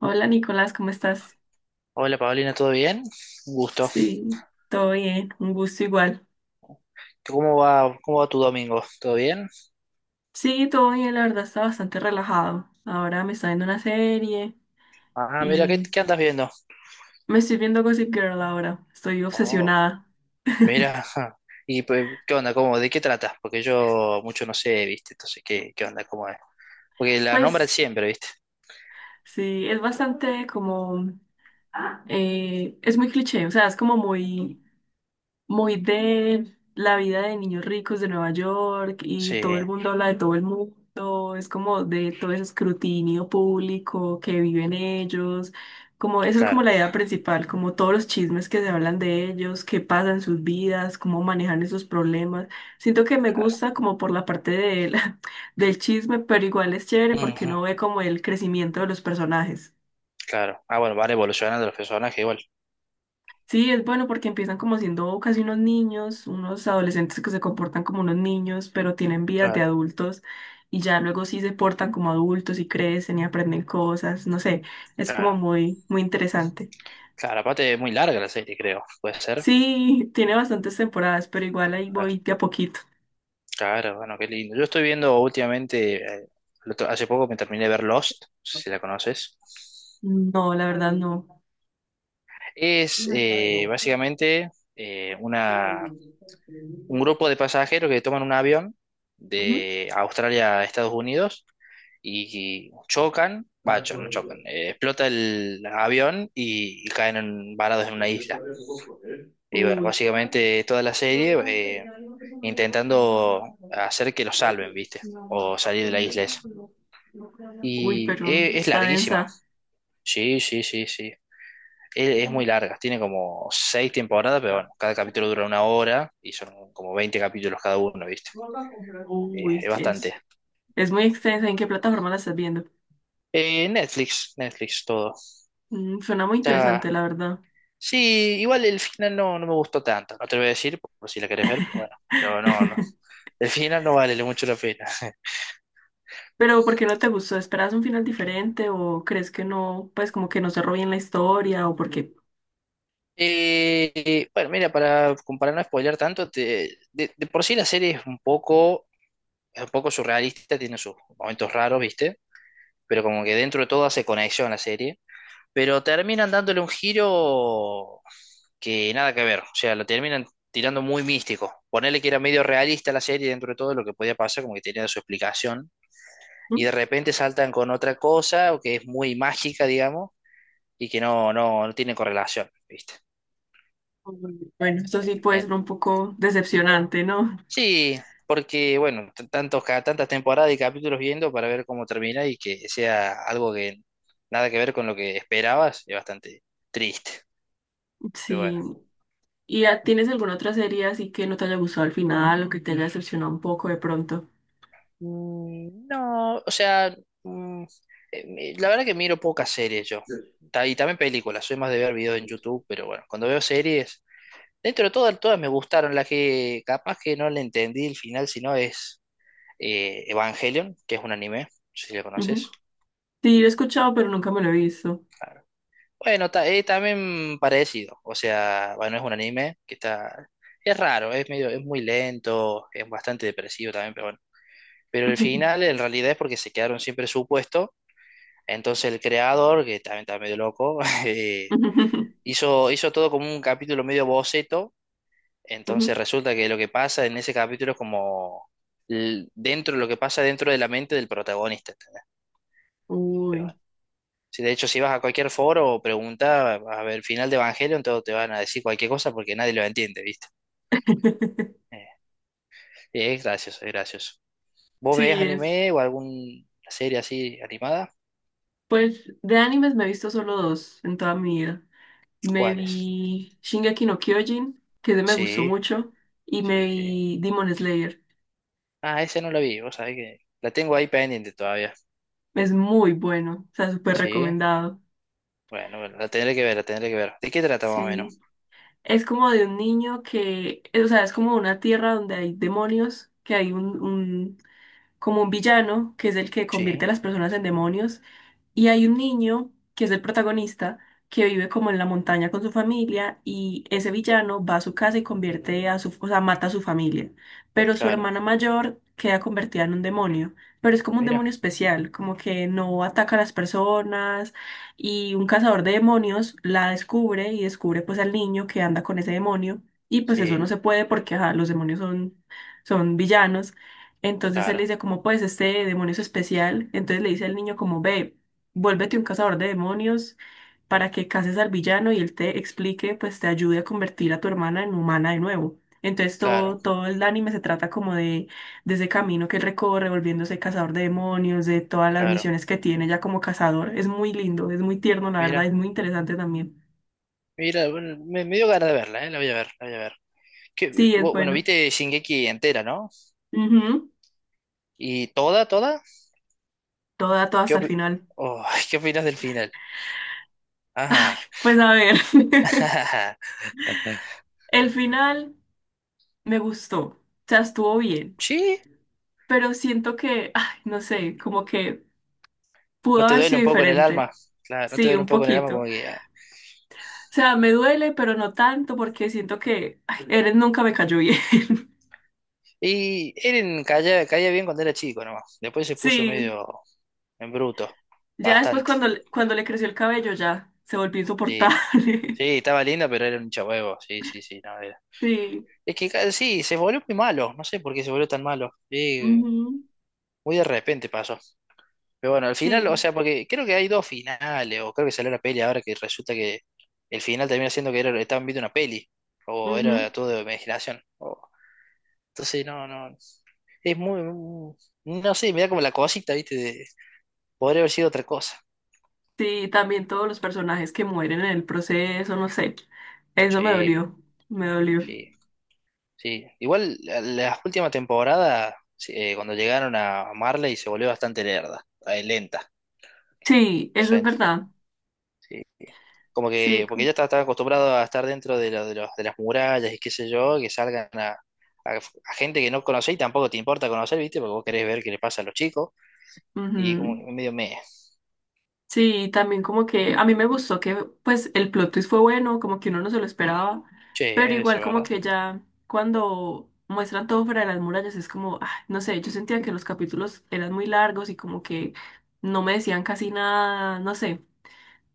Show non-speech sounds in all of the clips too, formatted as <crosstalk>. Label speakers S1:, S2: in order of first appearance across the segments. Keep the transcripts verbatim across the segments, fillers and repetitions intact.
S1: Hola Nicolás, ¿cómo estás?
S2: Hola Paulina, ¿todo bien? Un gusto.
S1: Sí, todo bien, un gusto igual.
S2: ¿Cómo va, cómo va tu domingo? ¿Todo bien?
S1: Sí, todo bien, la verdad está bastante relajado. Ahora me está viendo una serie
S2: Ah, mira, ¿qué,
S1: y
S2: qué andas viendo?
S1: me estoy viendo Gossip Girl ahora, estoy
S2: Oh,
S1: obsesionada.
S2: mira. <laughs> ¿Y pues, qué onda? ¿Cómo? ¿De qué tratas? Porque yo mucho no sé, ¿viste? Entonces, ¿qué, qué onda? ¿Cómo es? Porque la nombran
S1: Pues
S2: siempre, ¿viste?
S1: sí, es bastante como, eh, es muy cliché, o sea, es como muy muy de la vida de niños ricos de Nueva York, y todo
S2: Sí,
S1: el mundo habla de todo el mundo. Es como de todo ese escrutinio público que viven ellos, como eso es como
S2: claro,
S1: la idea principal, como todos los chismes que se hablan de ellos, qué pasa en sus vidas, cómo manejan esos problemas. Siento que me
S2: claro.
S1: gusta como por la parte de la- <laughs> del chisme, pero igual es chévere porque
S2: Ujú,
S1: uno ve como el crecimiento de los personajes.
S2: claro. Ah, bueno, van evolucionando los personajes igual.
S1: Sí, es bueno porque empiezan como siendo casi unos niños, unos adolescentes que se comportan como unos niños, pero tienen vidas de
S2: Claro,
S1: adultos, y ya luego sí se portan como adultos y crecen y aprenden cosas, no sé, es como
S2: claro.
S1: muy, muy interesante.
S2: Claro, aparte es muy larga la serie, creo. ¿Puede ser?
S1: Sí, <laughs> tiene bastantes temporadas, pero igual ahí
S2: A ver.
S1: voy de a poquito.
S2: Claro, bueno, qué lindo. Yo estoy viendo últimamente, eh, el otro- hace poco me terminé de ver Lost, no sé si la conoces.
S1: No, la verdad no.
S2: Es eh, básicamente eh, una, un grupo de pasajeros que toman un avión
S1: Ujú.
S2: de Australia a Estados Unidos y, y chocan, va, cho- no chocan, eh, explota el avión y, y caen en- varados en una isla. Y bueno,
S1: Uy,
S2: básicamente toda la serie eh, intentando hacer que los salven, ¿viste? O salir de la isla esa.
S1: uy,
S2: Y
S1: pero
S2: e- es,
S1: está
S2: larguísima.
S1: densa.
S2: Sí, sí, sí, sí. e- es muy larga, tiene como seis temporadas, pero bueno, cada capítulo dura una hora y son como veinte capítulos cada uno, ¿viste? Eh, es
S1: Uy,
S2: bastante.
S1: es, es muy extensa. ¿En qué plataforma la estás viendo?
S2: Eh, Netflix, Netflix, todo.
S1: Mm, suena muy
S2: Está.
S1: interesante, la verdad.
S2: Sí, igual el final no, no me gustó tanto, no te lo voy a decir por, por si la querés ver, pero bueno, pero no, no. El final no vale mucho la pena.
S1: Pero ¿por qué no te gustó? ¿Esperabas un final diferente o crees que no, pues como que no cerró bien la historia o porque...
S2: Eh, bueno, mira, para, como para no spoilear tanto, te- de, de por sí la serie es un poco, es un poco surrealista, tiene sus momentos raros, ¿viste? Pero como que dentro de todo hace conexión la serie, pero terminan dándole un giro que nada que ver, o sea, lo terminan tirando muy místico. Ponerle que era medio realista la serie dentro de todo lo que podía pasar, como que tenía su explicación, y de repente saltan con otra cosa o que es muy mágica, digamos, y que no, no, no tiene correlación, ¿viste?
S1: Bueno, esto sí puede
S2: Eh,
S1: ser un poco decepcionante, ¿no? <laughs>
S2: sí, porque, bueno, t- tantos, ca- tantas temporadas y capítulos viendo para ver cómo termina y que sea algo que nada que ver con lo que esperabas, es bastante triste, pero bueno.
S1: Sí. ¿Y ah, tienes alguna otra serie así que no te haya gustado al final o que te haya decepcionado un poco de pronto?
S2: Mm, No, o sea, mm, eh, mi- la verdad que miro pocas series yo. Ta- Y también películas, soy más de ver videos en YouTube, pero bueno, cuando veo series, dentro de todas, todas me gustaron. La que capaz que no le entendí el final, sino es eh, Evangelion, que es un anime, no sé si lo
S1: Ujú.
S2: conoces.
S1: Sí, lo he escuchado, pero nunca me lo he visto.
S2: Bueno, ta- eh, también parecido, o sea, bueno, es un anime que está, es raro, es medio, es muy lento, es bastante depresivo también, pero bueno. Pero el final en realidad es porque se quedaron siempre en su puesto. Entonces el creador, que también está medio loco, <laughs> eh,
S1: <laughs>
S2: hizo, hizo todo como un capítulo medio boceto. Entonces
S1: Ujú.
S2: resulta que lo que pasa en ese capítulo es como l- dentro, lo que pasa dentro de la mente del protagonista. ¿Entendés? Pero
S1: Uy.
S2: bueno, si de hecho si vas a cualquier foro o pregunta a ver final de Evangelion, todos te van a decir cualquier cosa porque nadie lo entiende, ¿viste?
S1: <laughs>
S2: Eh, es gracioso, es gracioso. ¿Vos ves
S1: Sí, es.
S2: anime o alguna serie así animada?
S1: Pues de animes me he visto solo dos en toda mi vida. Me
S2: ¿Cuáles?
S1: vi Shingeki no Kyojin, que ese me gustó
S2: Sí,
S1: mucho, y me
S2: sí, sí.
S1: vi Demon Slayer.
S2: Ah, ese no lo vi, vos sabés que la tengo ahí pendiente todavía.
S1: Es muy bueno, o sea, súper
S2: Sí,
S1: recomendado.
S2: bueno, bueno, la tendré que ver, la tendré que ver. ¿De qué trata más o
S1: Sí.
S2: menos?
S1: Es como de un niño que, o sea, es como una tierra donde hay demonios, que hay un, un, como un villano, que es el que convierte
S2: Sí,
S1: a las personas en demonios. Y hay un niño que es el protagonista, que vive como en la montaña con su familia, y ese villano va a su casa y convierte a su, o sea, mata a su familia. Pero su
S2: claro.
S1: hermana mayor queda convertida en un demonio, pero es como un
S2: Mira,
S1: demonio especial, como que no ataca a las personas, y un cazador de demonios la descubre y descubre pues al niño que anda con ese demonio, y pues eso
S2: sí,
S1: no se puede porque ajá, los demonios son, son villanos. Entonces él le
S2: claro,
S1: dice como pues este demonio es especial, entonces le dice al niño como ve. Vuélvete un cazador de demonios para que cases al villano y él te explique, pues te ayude a convertir a tu hermana en humana de nuevo. Entonces
S2: claro,
S1: todo, todo el anime se trata como de, de ese camino que él recorre, volviéndose cazador de demonios, de todas las
S2: claro.
S1: misiones que tiene ya como cazador. Es muy lindo, es muy tierno, la verdad, es
S2: Mira,
S1: muy interesante también.
S2: mira, bueno, me, me dio ganas de verla, eh, la voy a ver, la voy a ver. ¿Qué-
S1: Sí, es
S2: vo- bueno,
S1: bueno.
S2: viste Shingeki entera, ¿no?
S1: Ujú.
S2: ¿Y toda, toda?
S1: Toda, toda
S2: ¿Qué,
S1: hasta el
S2: opi-
S1: final.
S2: oh, <laughs> ¿qué opinas del final? Ajá.
S1: Pues a ver,
S2: <laughs>
S1: <laughs> el final me gustó, o sea, estuvo bien,
S2: Sí,
S1: pero siento que, ay, no sé, como que
S2: ¿no
S1: pudo
S2: te
S1: haber
S2: duele
S1: sido
S2: un poco en el alma?
S1: diferente.
S2: Claro, ¿no te
S1: Sí,
S2: duele un
S1: un
S2: poco en el alma como
S1: poquito.
S2: que? Ah,
S1: O sea, me duele, pero no tanto porque siento que ay, Eren nunca me cayó bien. <laughs>
S2: y Eren caía, caía bien cuando era chico nomás. Después se puso
S1: Sí,
S2: medio en bruto.
S1: ya después
S2: Bastante.
S1: cuando, le- cuando le creció el cabello ya se volvió
S2: Sí,
S1: insoportable.
S2: sí,
S1: <laughs>
S2: estaba linda, pero era un chabuevo. Sí, sí, sí, no era.
S1: Sí,
S2: Es que ca- sí, se volvió muy malo. No sé por qué se volvió tan malo. Sí,
S1: ujú.
S2: muy de repente pasó. Pero bueno, al final,
S1: Sí,
S2: o sea, porque creo que hay dos finales, o creo que salió la peli ahora que resulta que el final termina siendo que era, estaban viendo una peli. O era
S1: ujú.
S2: todo de imaginación. O- entonces, no, no. Es muy. mm, No sé, me da como la cosita, ¿viste? De, podría haber sido otra cosa.
S1: Sí, también todos los personajes que mueren en el proceso, no sé. Eso me
S2: Sí,
S1: dolió, me dolió.
S2: sí, sí. Igual la- las últimas temporadas, sí, eh, cuando llegaron a Marley, se volvió bastante lerda, eh, lenta,
S1: Sí, eso es
S2: gente.
S1: verdad.
S2: Sí, sí. Como
S1: Sí,
S2: que, porque ya estaba, estaba acostumbrado a estar dentro de, lo- de, los- de las murallas y qué sé yo, que salgan a, a- a gente que no conocés y tampoco te importa conocer, ¿viste? Porque vos querés ver qué le pasa a los chicos. Y como
S1: ujú.
S2: que medio me.
S1: Sí, también como que a mí me gustó que pues el plot twist fue bueno, como que uno no se lo esperaba, pero
S2: Che, eso
S1: igual
S2: es
S1: como
S2: verdad.
S1: que ya cuando muestran todo fuera de las murallas es como, ah, no sé, yo sentía que los capítulos eran muy largos y como que no me decían casi nada, no sé,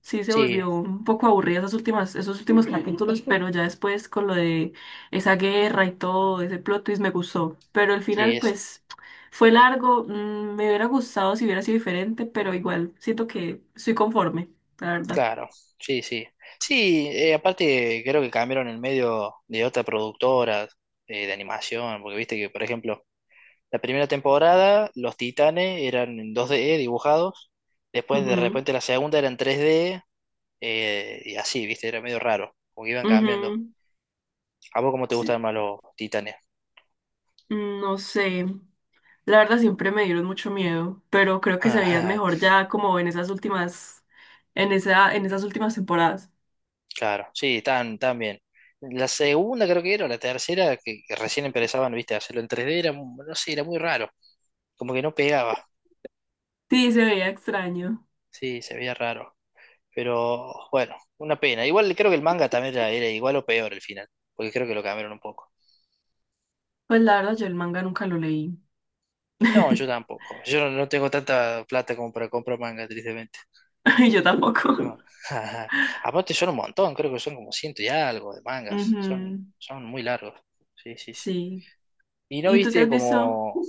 S1: sí se
S2: Sí,
S1: volvió un poco aburrida esas últimas, esos últimos capítulos, <laughs> pero ya después con lo de esa guerra y todo, ese plot twist me gustó. Pero el
S2: sí,
S1: final,
S2: es
S1: pues, fue largo, mm, me hubiera gustado si hubiera sido diferente, pero igual siento que estoy conforme, la verdad.
S2: claro, sí, sí. Sí, eh, aparte creo que cambiaron el medio de otra productora, eh, de animación, porque viste que, por ejemplo, la primera temporada los Titanes eran en dos d dibujados, después de
S1: Ujú,
S2: repente la segunda era en tres D, eh, y así, viste, era medio raro, como que iban cambiando.
S1: ujú,
S2: ¿A vos cómo te
S1: sí,
S2: gustan más los Titanes?
S1: mm, no sé. La verdad siempre me dieron mucho miedo, pero creo que se veían
S2: <laughs>
S1: mejor ya como en esas últimas, en esa, en esas últimas temporadas.
S2: Claro, sí, tan, tan bien. La segunda creo que era, o la tercera, que, que recién empezaban, viste, a hacerlo en tres d era, mu- no sé, era muy raro, como que no pegaba.
S1: Sí, se veía extraño.
S2: Sí, se veía raro. Pero bueno, una pena. Igual creo que el manga también ya era igual o peor el final, porque creo que lo cambiaron un poco.
S1: Pues la verdad yo el manga nunca lo leí.
S2: No, yo
S1: <laughs>
S2: tampoco. Yo no, no tengo tanta plata como para comprar manga, tristemente.
S1: Yo tampoco.
S2: No. <laughs> Aparte son un montón, creo que son como ciento y algo de mangas. Son,
S1: Ujú.
S2: son muy largos. Sí, sí, sí.
S1: Sí.
S2: ¿Y no
S1: ¿Y tú te
S2: viste
S1: has visto?
S2: como?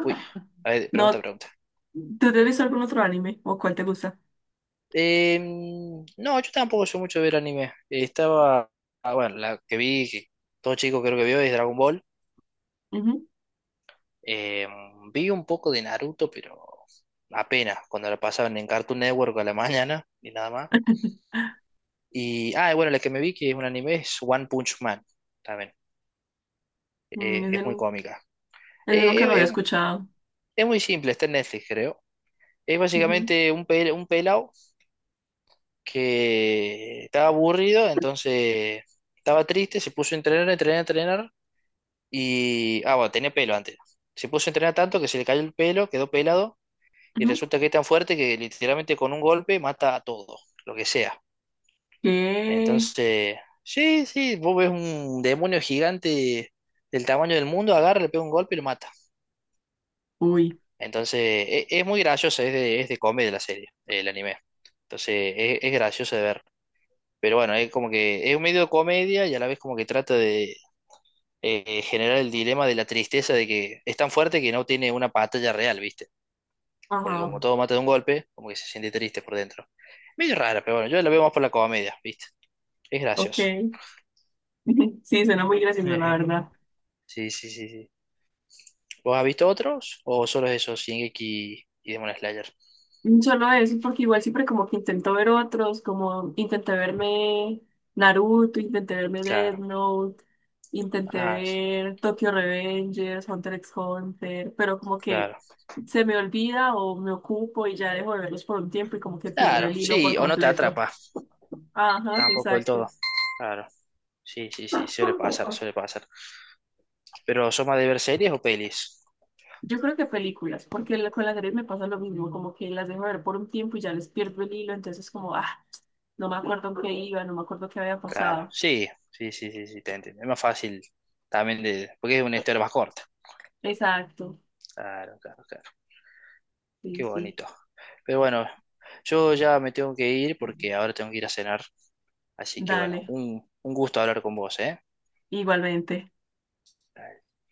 S2: Uy, a ver, pregunta,
S1: No,
S2: pregunta.
S1: ¿tú te has visto algún otro anime? ¿O cuál te gusta?
S2: Eh, no, yo tampoco soy mucho de ver anime. Estaba. Ah, bueno, la que vi, que todo chico creo que vio, es Dragon Ball.
S1: Ujú,
S2: Eh, vi un poco de Naruto, pero apenas, cuando la pasaban en Cartoon Network a la mañana y nada más. Y, ah, y bueno, la que me vi que es un anime es One Punch Man, también.
S1: mm,
S2: Eh,
S1: ese,
S2: es muy
S1: nu-
S2: cómica.
S1: ese
S2: Eh,
S1: nunca lo
S2: eh,
S1: había
S2: eh,
S1: escuchado.
S2: es muy simple, está en Netflix, creo. Es
S1: Ujú,
S2: básicamente un, pel- un pelado que estaba aburrido, entonces estaba triste, se puso a entrenar, a entrenar, a entrenar. Y, ah, bueno, tenía pelo antes. Se puso a entrenar tanto que se le cayó el pelo, quedó pelado y
S1: ujú.
S2: resulta que es tan fuerte que literalmente con un golpe mata a todo, lo que sea.
S1: ¿Qué?
S2: Entonces, sí, sí, vos ves un demonio gigante del tamaño del mundo, agarra, le pega un golpe y lo mata.
S1: Uy.
S2: Entonces, e- es, muy graciosa, es de, es de comedia la serie, el anime. Entonces, es, es gracioso de ver. Pero bueno, es como que es un medio de comedia y a la vez como que trata de eh, generar el dilema de la tristeza de que es tan fuerte que no tiene una batalla real, ¿viste? Porque
S1: Ajá.
S2: como todo mata de un golpe, como que se siente triste por dentro. Medio rara, pero bueno, yo la veo más por la comedia, ¿viste? Es
S1: Ok.
S2: gracioso.
S1: <laughs> Sí, suena muy gracioso, la
S2: Ejé.
S1: verdad.
S2: Sí, sí, sí, sí. ¿Vos has visto otros o solo esos, Shingeki y Demon Slayer?
S1: Solo eso, porque igual siempre como que intento ver otros, como intenté verme Naruto, intenté verme Death
S2: Claro.
S1: Note, intenté
S2: Ah, s-
S1: ver Tokyo Revengers, Hunter x Hunter, pero como que
S2: claro.
S1: se me olvida o me ocupo y ya dejo de verlos por un tiempo y como que pierdo
S2: Claro,
S1: el hilo por
S2: sí, o no te
S1: completo.
S2: atrapa,
S1: Ajá,
S2: tampoco del todo.
S1: exacto.
S2: Claro. Sí, sí, sí, suele pasar, suele pasar. Pero ¿sos más de ver series o pelis?
S1: Yo creo que películas, porque la- con las series me pasa lo mismo, como que las dejo de ver por un tiempo y ya les pierdo el hilo, entonces como, ah, no me acuerdo en qué iba, no me acuerdo qué había
S2: Claro.
S1: pasado.
S2: Sí, sí, sí, sí, sí, te entiendo. Es más fácil también de, porque es una historia más corta.
S1: Exacto.
S2: Claro, claro, claro.
S1: Sí,
S2: Qué
S1: sí.
S2: bonito. Pero bueno, yo ya me tengo que ir porque ahora tengo que ir a cenar. Así que bueno,
S1: Dale,
S2: un, un gusto hablar con vos, ¿eh?
S1: igualmente.